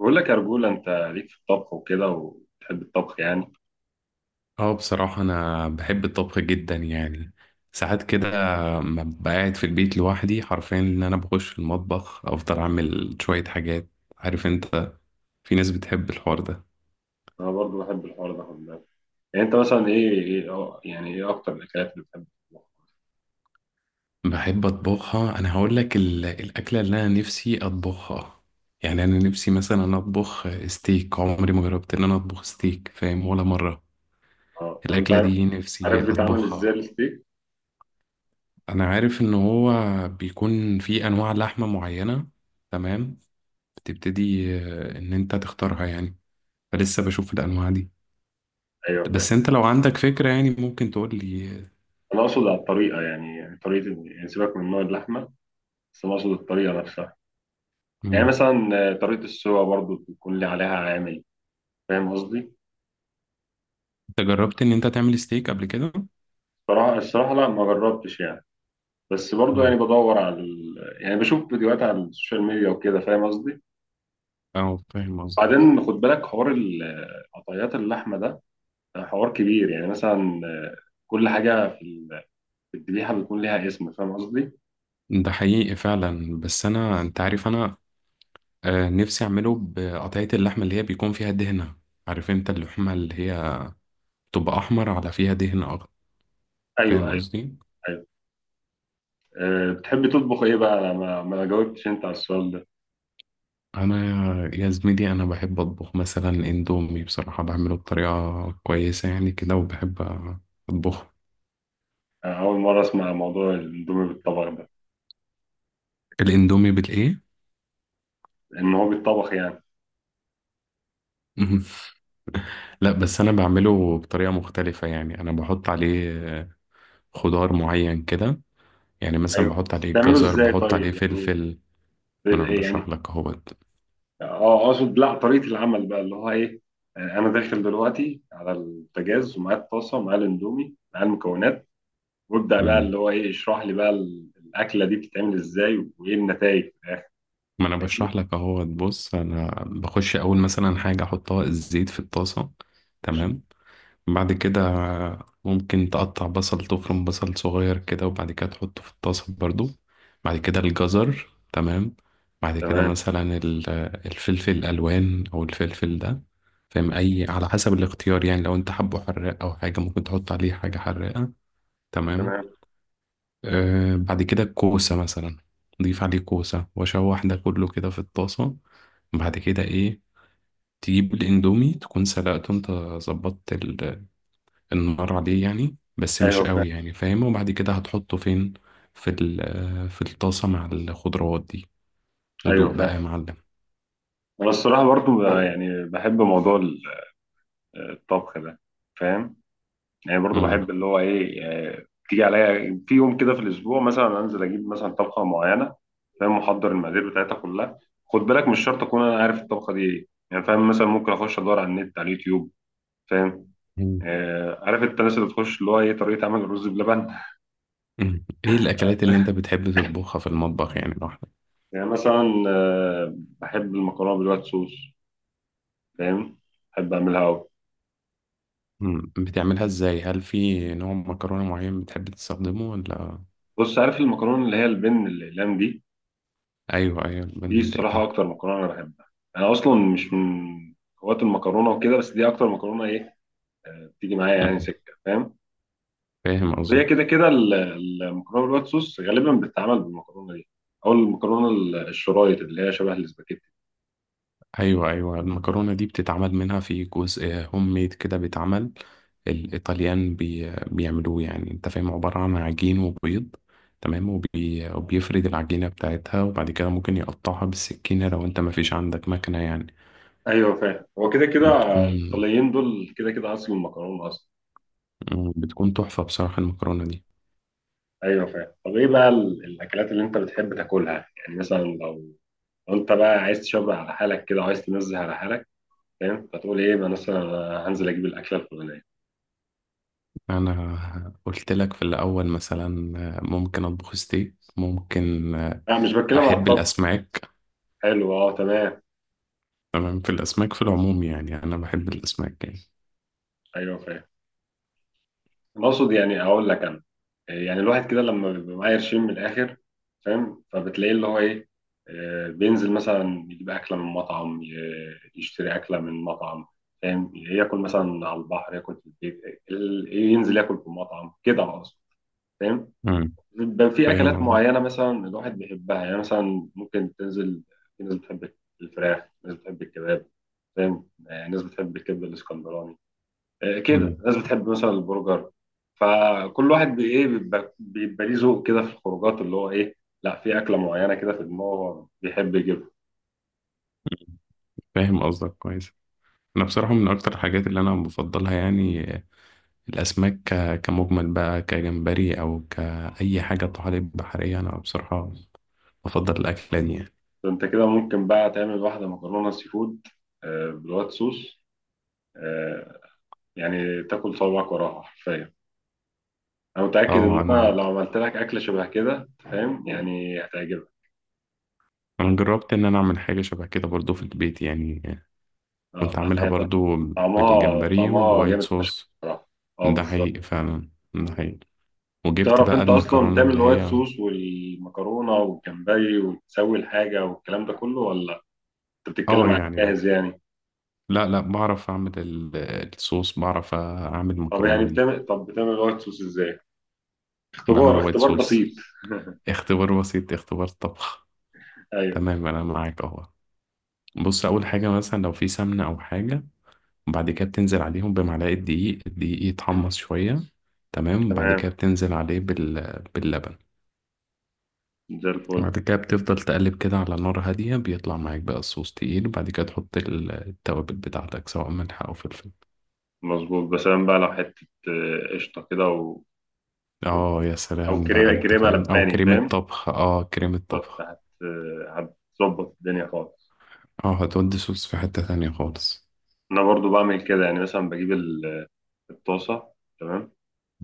بقول لك يا رجولة، انت ليك في الطبخ وكده وتحب الطبخ يعني. اه، بصراحة أنا بحب الطبخ جدا يعني. ساعات كده ما ببقى قاعد في البيت لوحدي حرفيا إن أنا بخش المطبخ أفضل أعمل شوية حاجات. عارف أنت، في ناس بتحب الحوار ده. انا برضو بحب الحوار ده، خد بالك. يعني انت مثلا ايه ايه اه يعني ايه اكتر الاكلات اللي بتحب تطبخها؟ بحب أطبخها، أنا هقول لك الأكلة اللي أنا نفسي أطبخها. يعني أنا نفسي مثلا أطبخ ستيك، عمري ما جربت إن أنا أطبخ ستيك، فاهم؟ ولا مرة. اه، طب انت الأكلة عارف دي نفسي عارف بيتعمل ازاي أطبخها. الستيك؟ أنا عارف إن هو بيكون في أنواع لحمة معينة، تمام؟ تبتدي ان انت تختارها يعني. فلسه بشوف الانواع دي. ايوه، بس فاهم. انت لو عندك فكرة يعني ممكن تقول لي. انا اقصد على الطريقه، يعني يعني سيبك من نوع اللحمه. بس انا اقصد الطريقه نفسها. يعني مم. مثلا طريقه السوا برضو بيكون لي عليها عامل. فاهم قصدي؟ انت جربت ان انت تعمل ستيك قبل كده؟ الصراحه لا، ما جربتش يعني. بس برضو مم. يعني بدور على يعني بشوف فيديوهات على السوشيال ميديا وكده، فاهم قصدي. اه فاهم قصدي. بعدين خد بالك، حوار قطعيات اللحمة ده، حوار كبير. يعني مثلا كل حاجة في في الذبيحة بيكون ليها اسم، فاهم قصدي؟ ده حقيقي فعلا، بس انا، انت عارف انا نفسي اعمله بقطعية اللحمة اللي هي بيكون فيها دهنة. عارف انت اللحمة اللي هي تبقى احمر على فيها دهن اخضر، أيوه، فاهم أيوه، قصدي؟ أيوه. بتحب تطبخ إيه بقى؟ أنا ما جاوبتش أنت على السؤال ده. انا يا زميلي انا بحب اطبخ مثلا اندومي، بصراحة بعمله بطريقة كويسة يعني كده، وبحب اطبخه. أنا أول مرة أسمع موضوع الأندومي بالطبخ ده. الاندومي بالايه؟ إن هو بيتطبخ يعني؟ مهم. لا بس انا بعمله بطريقه مختلفه يعني، انا بحط عليه آه، خضار معين كده، يعني مثلا أيوه. بحط عليه بتعمله جزر، إزاي بحط طيب؟ عليه يعني فلفل. ما انا إيه بشرح يعني؟ لك اهوت. أه، أقصد لا، طريقة العمل بقى اللي هو إيه؟ أنا داخل دلوقتي على البوتاجاز ومعايا الطاسة ومعايا الأندومي معايا المكونات، وابدا بقى مم. اللي هو ايه، اشرح لي بقى الاكله دي بتتعمل ازاي وايه النتائج؟ ما انا بشرح لك اهوت. بص انا بخش اول مثلا حاجه احطها الزيت في الطاسه، تمام؟ بعد كده ممكن تقطع بصل، تفرم بصل صغير كده، وبعد كده تحطه في الطاسة برضو. بعد كده الجزر، تمام؟ بعد كده تمام. مثلا الفلفل الألوان أو الفلفل ده، فاهم؟ أي على حسب الاختيار يعني، لو أنت حبه حراق أو حاجة ممكن تحط عليه حاجة حراقة، تمام؟ تمام. آه، بعد كده الكوسة مثلا، ضيف عليه كوسة وأشوح ده كله كده في الطاسة. بعد كده إيه، تجيب الإندومي تكون سلقته أنت، ظبطت النار عليه يعني بس مش ايوه، فاهم. قوي يعني، فاهم؟ وبعد كده هتحطه فين؟ في في الطاسة مع الخضروات دي. ودوق ايوه، بقى يا فاهم. معلم. انا الصراحه برضو يعني بحب موضوع الطبخ ده، فاهم. يعني برضو مم. بحب اللي هو ايه، تيجي عليا في يوم كده في الاسبوع، مثلا انزل اجيب مثلا طبخه معينه. فاهم، محضر المقادير بتاعتها كلها. خد بالك، مش شرط اكون انا عارف الطبخه دي ايه يعني، فاهم، مثلا ممكن اخش ادور على النت على اليوتيوب. فاهم. مم. عارف انت الناس اللي تخش اللي هو ايه طريقه عمل الرز بلبن. مم. ايه الاكلات اللي انت بتحب تطبخها في المطبخ يعني لوحدك؟ يعني مثلا بحب المكرونة بالوايت صوص، فاهم، بحب أعملها أوي. مم. بتعملها ازاي؟ هل في نوع مكرونة معين بتحب تستخدمه ولا؟ بص، عارف المكرونة اللي هي البن الأقلام دي؟ ايوه ايوه، البن دي الصراحة والدقيق. أكتر مكرونة أنا بحبها. أنا أصلا مش من هواة المكرونة وكده، بس دي أكتر مكرونة إيه، بتيجي معايا يعني مم. سكة، فاهم. فاهم. وهي كده كده المكرونة بالوايت صوص غالبا بتتعمل بالمكرونة دي، أو المكرونة الشرايط اللي هي شبه الاسباجيتي. ايوه ايوه، المكرونه دي بتتعمل منها في جزء هوم ميد كده، بيتعمل الايطاليان بي بيعملوه يعني، انت فاهم؟ عباره عن عجين وبيض، تمام، وبي وبيفرد العجينه بتاعتها، وبعد كده ممكن يقطعها بالسكينه لو انت ما فيش عندك مكنه يعني. أيوه، فاهم. هو كده كده بتكون الإيطاليين دول كده كده أصل المكرونة أصلا. بتكون تحفه بصراحه المكرونه دي. ايوه، فاهم. طب ايه بقى الاكلات اللي انت بتحب تاكلها؟ يعني مثلا لو انت بقى عايز تشبع على حالك كده وعايز تنزه على حالك، فاهم، فتقول ايه بقى؟ مثلا أنا هنزل اجيب الاكله الفلانيه. انا قلت لك في الاول مثلا ممكن اطبخ ستيك، ممكن. لا، مش بتكلم على احب الطبخ. الاسماك. حلو، اه، تمام. تمام في الاسماك في العموم يعني، انا بحب الاسماك يعني. ايوه، فاهم. أنا اقصد يعني اقول لك انا، يعني الواحد كده لما بيبقى معاه قرشين من الاخر، فاهم، فبتلاقيه اللي هو ايه، بينزل مثلا يجيب اكله من مطعم، يشتري اكله من مطعم، فاهم، ياكل مثلا على البحر، ياكل في البيت، ينزل ياكل في مطعم، كده اقصد، فاهم. مم. بيبقى في اكلات فاهم. معينه مثلا الواحد بيحبها، يعني مثلا ممكن تنزل. في ناس بتحب الفراخ، ناس بتحب الكباب، فاهم، ناس بتحب الكبده الاسكندراني، كده مم. ناس بتحب مثلا البرجر. فكل واحد بي- ايه بيبقى بيبقى ليه ذوق كده في الخروجات اللي هو ايه، لا، في اكله معينه كده في دماغه بيحب يجيبها. فاهم قصدك كويس. انا بصراحه من اكتر الحاجات اللي انا بفضلها يعني الاسماك، كمجمل بقى، كجمبري او كاي حاجه، طحالب بحريه، انا بصراحه بفضل الاكله دي يعني. فانت كده ممكن بقى تعمل واحده مكرونه سي فود، بالوايت صوص، آه، يعني تاكل صوابعك وراها حرفيا. انا متاكد اه ان انا انا لو عملت لك اكله شبه كده، فاهم يعني، هتعجبك. انا جربت ان انا اعمل حاجه شبه كده برضو في البيت يعني، اه، كنت لا، عاملها هي برضو، طعمها بالجمبري طعمها ووايت جامد فشخ. صوص. بصراحه. اه، ده بالظبط. حقيقي فعلا، ده حقيقي. وجبت بتعرف بقى انت اصلا المكرونه تعمل اللي الوايت هي، صوص والمكرونه والجمبري وتسوي الحاجه والكلام ده كله ولا انت اه بتتكلم عن يعني. جاهز يعني؟ لا بعرف اعمل الصوص، بعرف اعمل طب يعني المكرونه دي. بتعمل، طب بتعمل الوايت صوص ازاي؟ بعمل اختبار وايت اختبار صوص. بسيط. اختبار بسيط، اختبار طبخ. ايوه. تمام انا معاك اهو. بص اول حاجه مثلا لو في سمنه او حاجه، وبعد كده بتنزل عليهم بمعلقه دقيق، الدقيق يتحمص شويه، تمام، وبعد كده تمام، بتنزل عليه بال... باللبن، زي الفل. وبعد كده بتفضل تقلب كده على نار هاديه، بيطلع معاك بقى الصوص تقيل، وبعد كده تحط التوابل بتاعتك سواء ملح او فلفل. مظبوط، بس أنا بقى لو حته قشطه كده، و- اه يا او سلام بقى، كريمه انت كريمه فاهم، او لباني، كريمه فاهم. طبخ، اه كريمه بالظبط، طبخ. هتظبط الدنيا خالص. اه هتودي صوص في حته تانية خالص. انا برضو بعمل كده، يعني مثلا بجيب الطاسه تمام.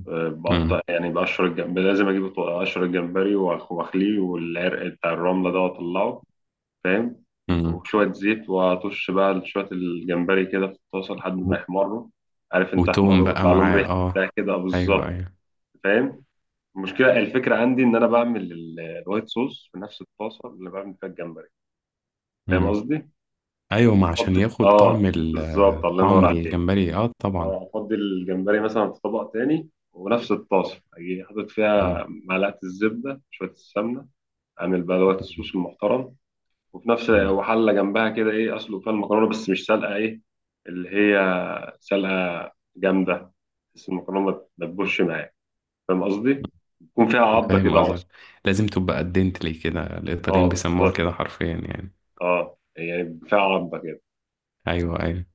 بقطع امم. يعني بقشر الجمبري، لازم اجيب اقشر الجمبري، واخليه، والعرق بتاع الرمله ده واطلعه. فاهم. امم. وشويه زيت، واطش بقى شويه الجمبري كده في الطاسه لحد ما يحمروا، عارف انت وتوم احمروا، بقى ويطلع لهم معاه، ريحه اه. بتاع كده، ايوه بالظبط ايوه. فاهم. المشكله، الفكره عندي ان انا بعمل الوايت صوص في نفس الطاسه اللي بعمل فيها الجمبري. فاهم مم. قصدي؟ ايوه، ما عشان افضي، ياخد طعم اه، بالظبط، ال، الله ينور طعم عليك. الجمبري، اه طبعا. اه، افضي الجمبري مثلا في طبق تاني، ونفس الطاسه اجي حاطط مم. فيها معلقه الزبده، شويه السمنه. اعمل بقى دوت الصوص المحترم. وفي نفس مم. وحله جنبها كده ايه، اسلق فيها المكرونه بس مش سلقه ايه، اللي هي سلقه جامده، بس المكرونه ما تدبرش معاك. فاهم قصدي؟ يكون فيها عضه فاهم كده، عصر. قصدك. لازم تبقى قدنتلي كده، اه، الايطاليين بيسموها بالظبط. كده حرفيا يعني. اه يعني فيها عضه كده. ايوه ايوه.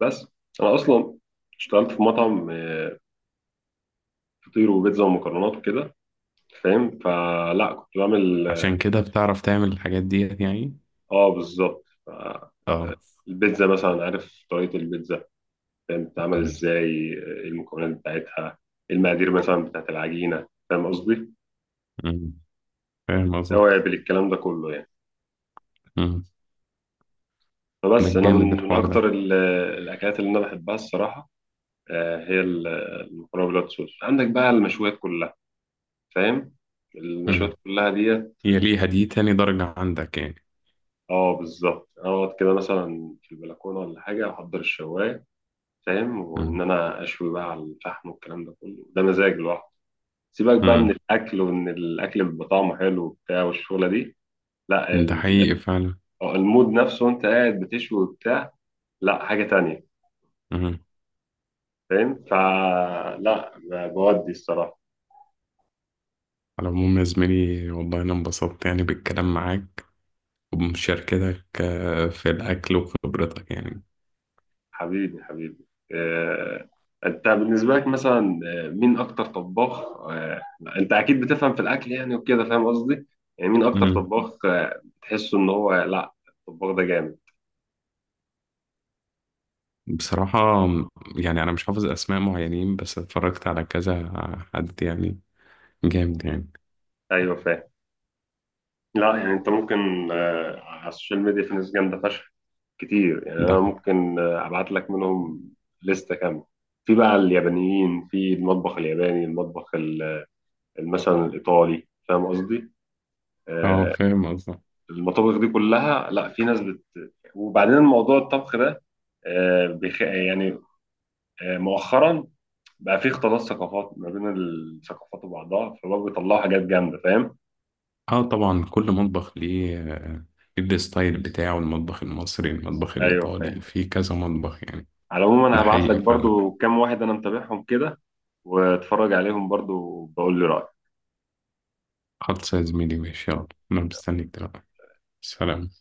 بس انا اصلا اشتغلت في مطعم، فطير وبيتزا ومكرونات وكده، فاهم، فلا كنت بعمل. عشان كده بتعرف تعمل الحاجات ديت يعني. اه، بالظبط، اه. البيتزا مثلا، عارف طريقة البيتزا، فاهم، بتتعمل مم. ازاي، ايه المكونات بتاعتها، ايه المقادير مثلا بتاعت العجينة، فاهم قصدي، مم. فاهم قصدك. توابل، الكلام ده كله يعني. مم. ده فبس انا جامد من الحوار اكتر ده. الاكلات اللي انا بحبها الصراحة، هي المكرونة بالوايت صوص، عندك بقى المشويات كلها، فاهم، مم. المشويات كلها ديت. هي ليها دي تاني درجة عندك يعني. اه، بالظبط، اقعد كده مثلا في البلكونة ولا حاجة، احضر الشواية، فاهم، مم. وان انا اشوي بقى على الفحم والكلام ده كله، ده مزاج لوحده. سيبك بقى من مم. الاكل وان الاكل بيبقى طعمه حلو وبتاع والشغله دي، لا، ده حقيقي فعلا. المود نفسه وانت قاعد بتشوي وبتاع، لا، حاجه تانية، مم. فاهم، فلا، بودي الصراحه. على العموم يا زميلي والله أنا انبسطت يعني بالكلام معاك وبمشاركتك، في الأكل وخبرتك يعني. حبيبي، حبيبي. آه، انت بالنسبه لك مثلا مين اكتر طباخ، آه، انت اكيد بتفهم في الاكل يعني وكده، فاهم قصدي، يعني مين اكتر مم. طباخ تحسه ان هو، لا، الطباخ ده جامد. بصراحة يعني أنا مش حافظ أسماء معينين، بس اتفرجت على كذا حد يعني، جامد يعني. ايوه، فاهم. لا، يعني انت ممكن على السوشيال ميديا في ناس جامده فشخ كتير، يعني ده انا حقيقي. ممكن ابعت لك منهم لستة كامله. في بقى اليابانيين في المطبخ الياباني، المطبخ مثلا الايطالي، فاهم قصدي. اه آه، فاهم قصدك. المطابخ دي كلها، لا في ناس وبعدين الموضوع الطبخ ده يعني مؤخرا بقى في اختلاط ثقافات ما بين الثقافات وبعضها، فبقى بيطلعوا حاجات جامده، فاهم. اه طبعا، كل مطبخ ليه ليه الستايل بتاعه، المطبخ المصري، المطبخ ايوه، فاهم. الإيطالي، في كذا مطبخ يعني. على العموم، انا ده هبعت لك حقيقي فعلا. برضو كام واحد انا متابعهم كده، واتفرج عليهم برضو وبقول لي رأيك. خلص يا زميلي، ماشي، يلا. أنا مستنيك دلوقتي. سلام.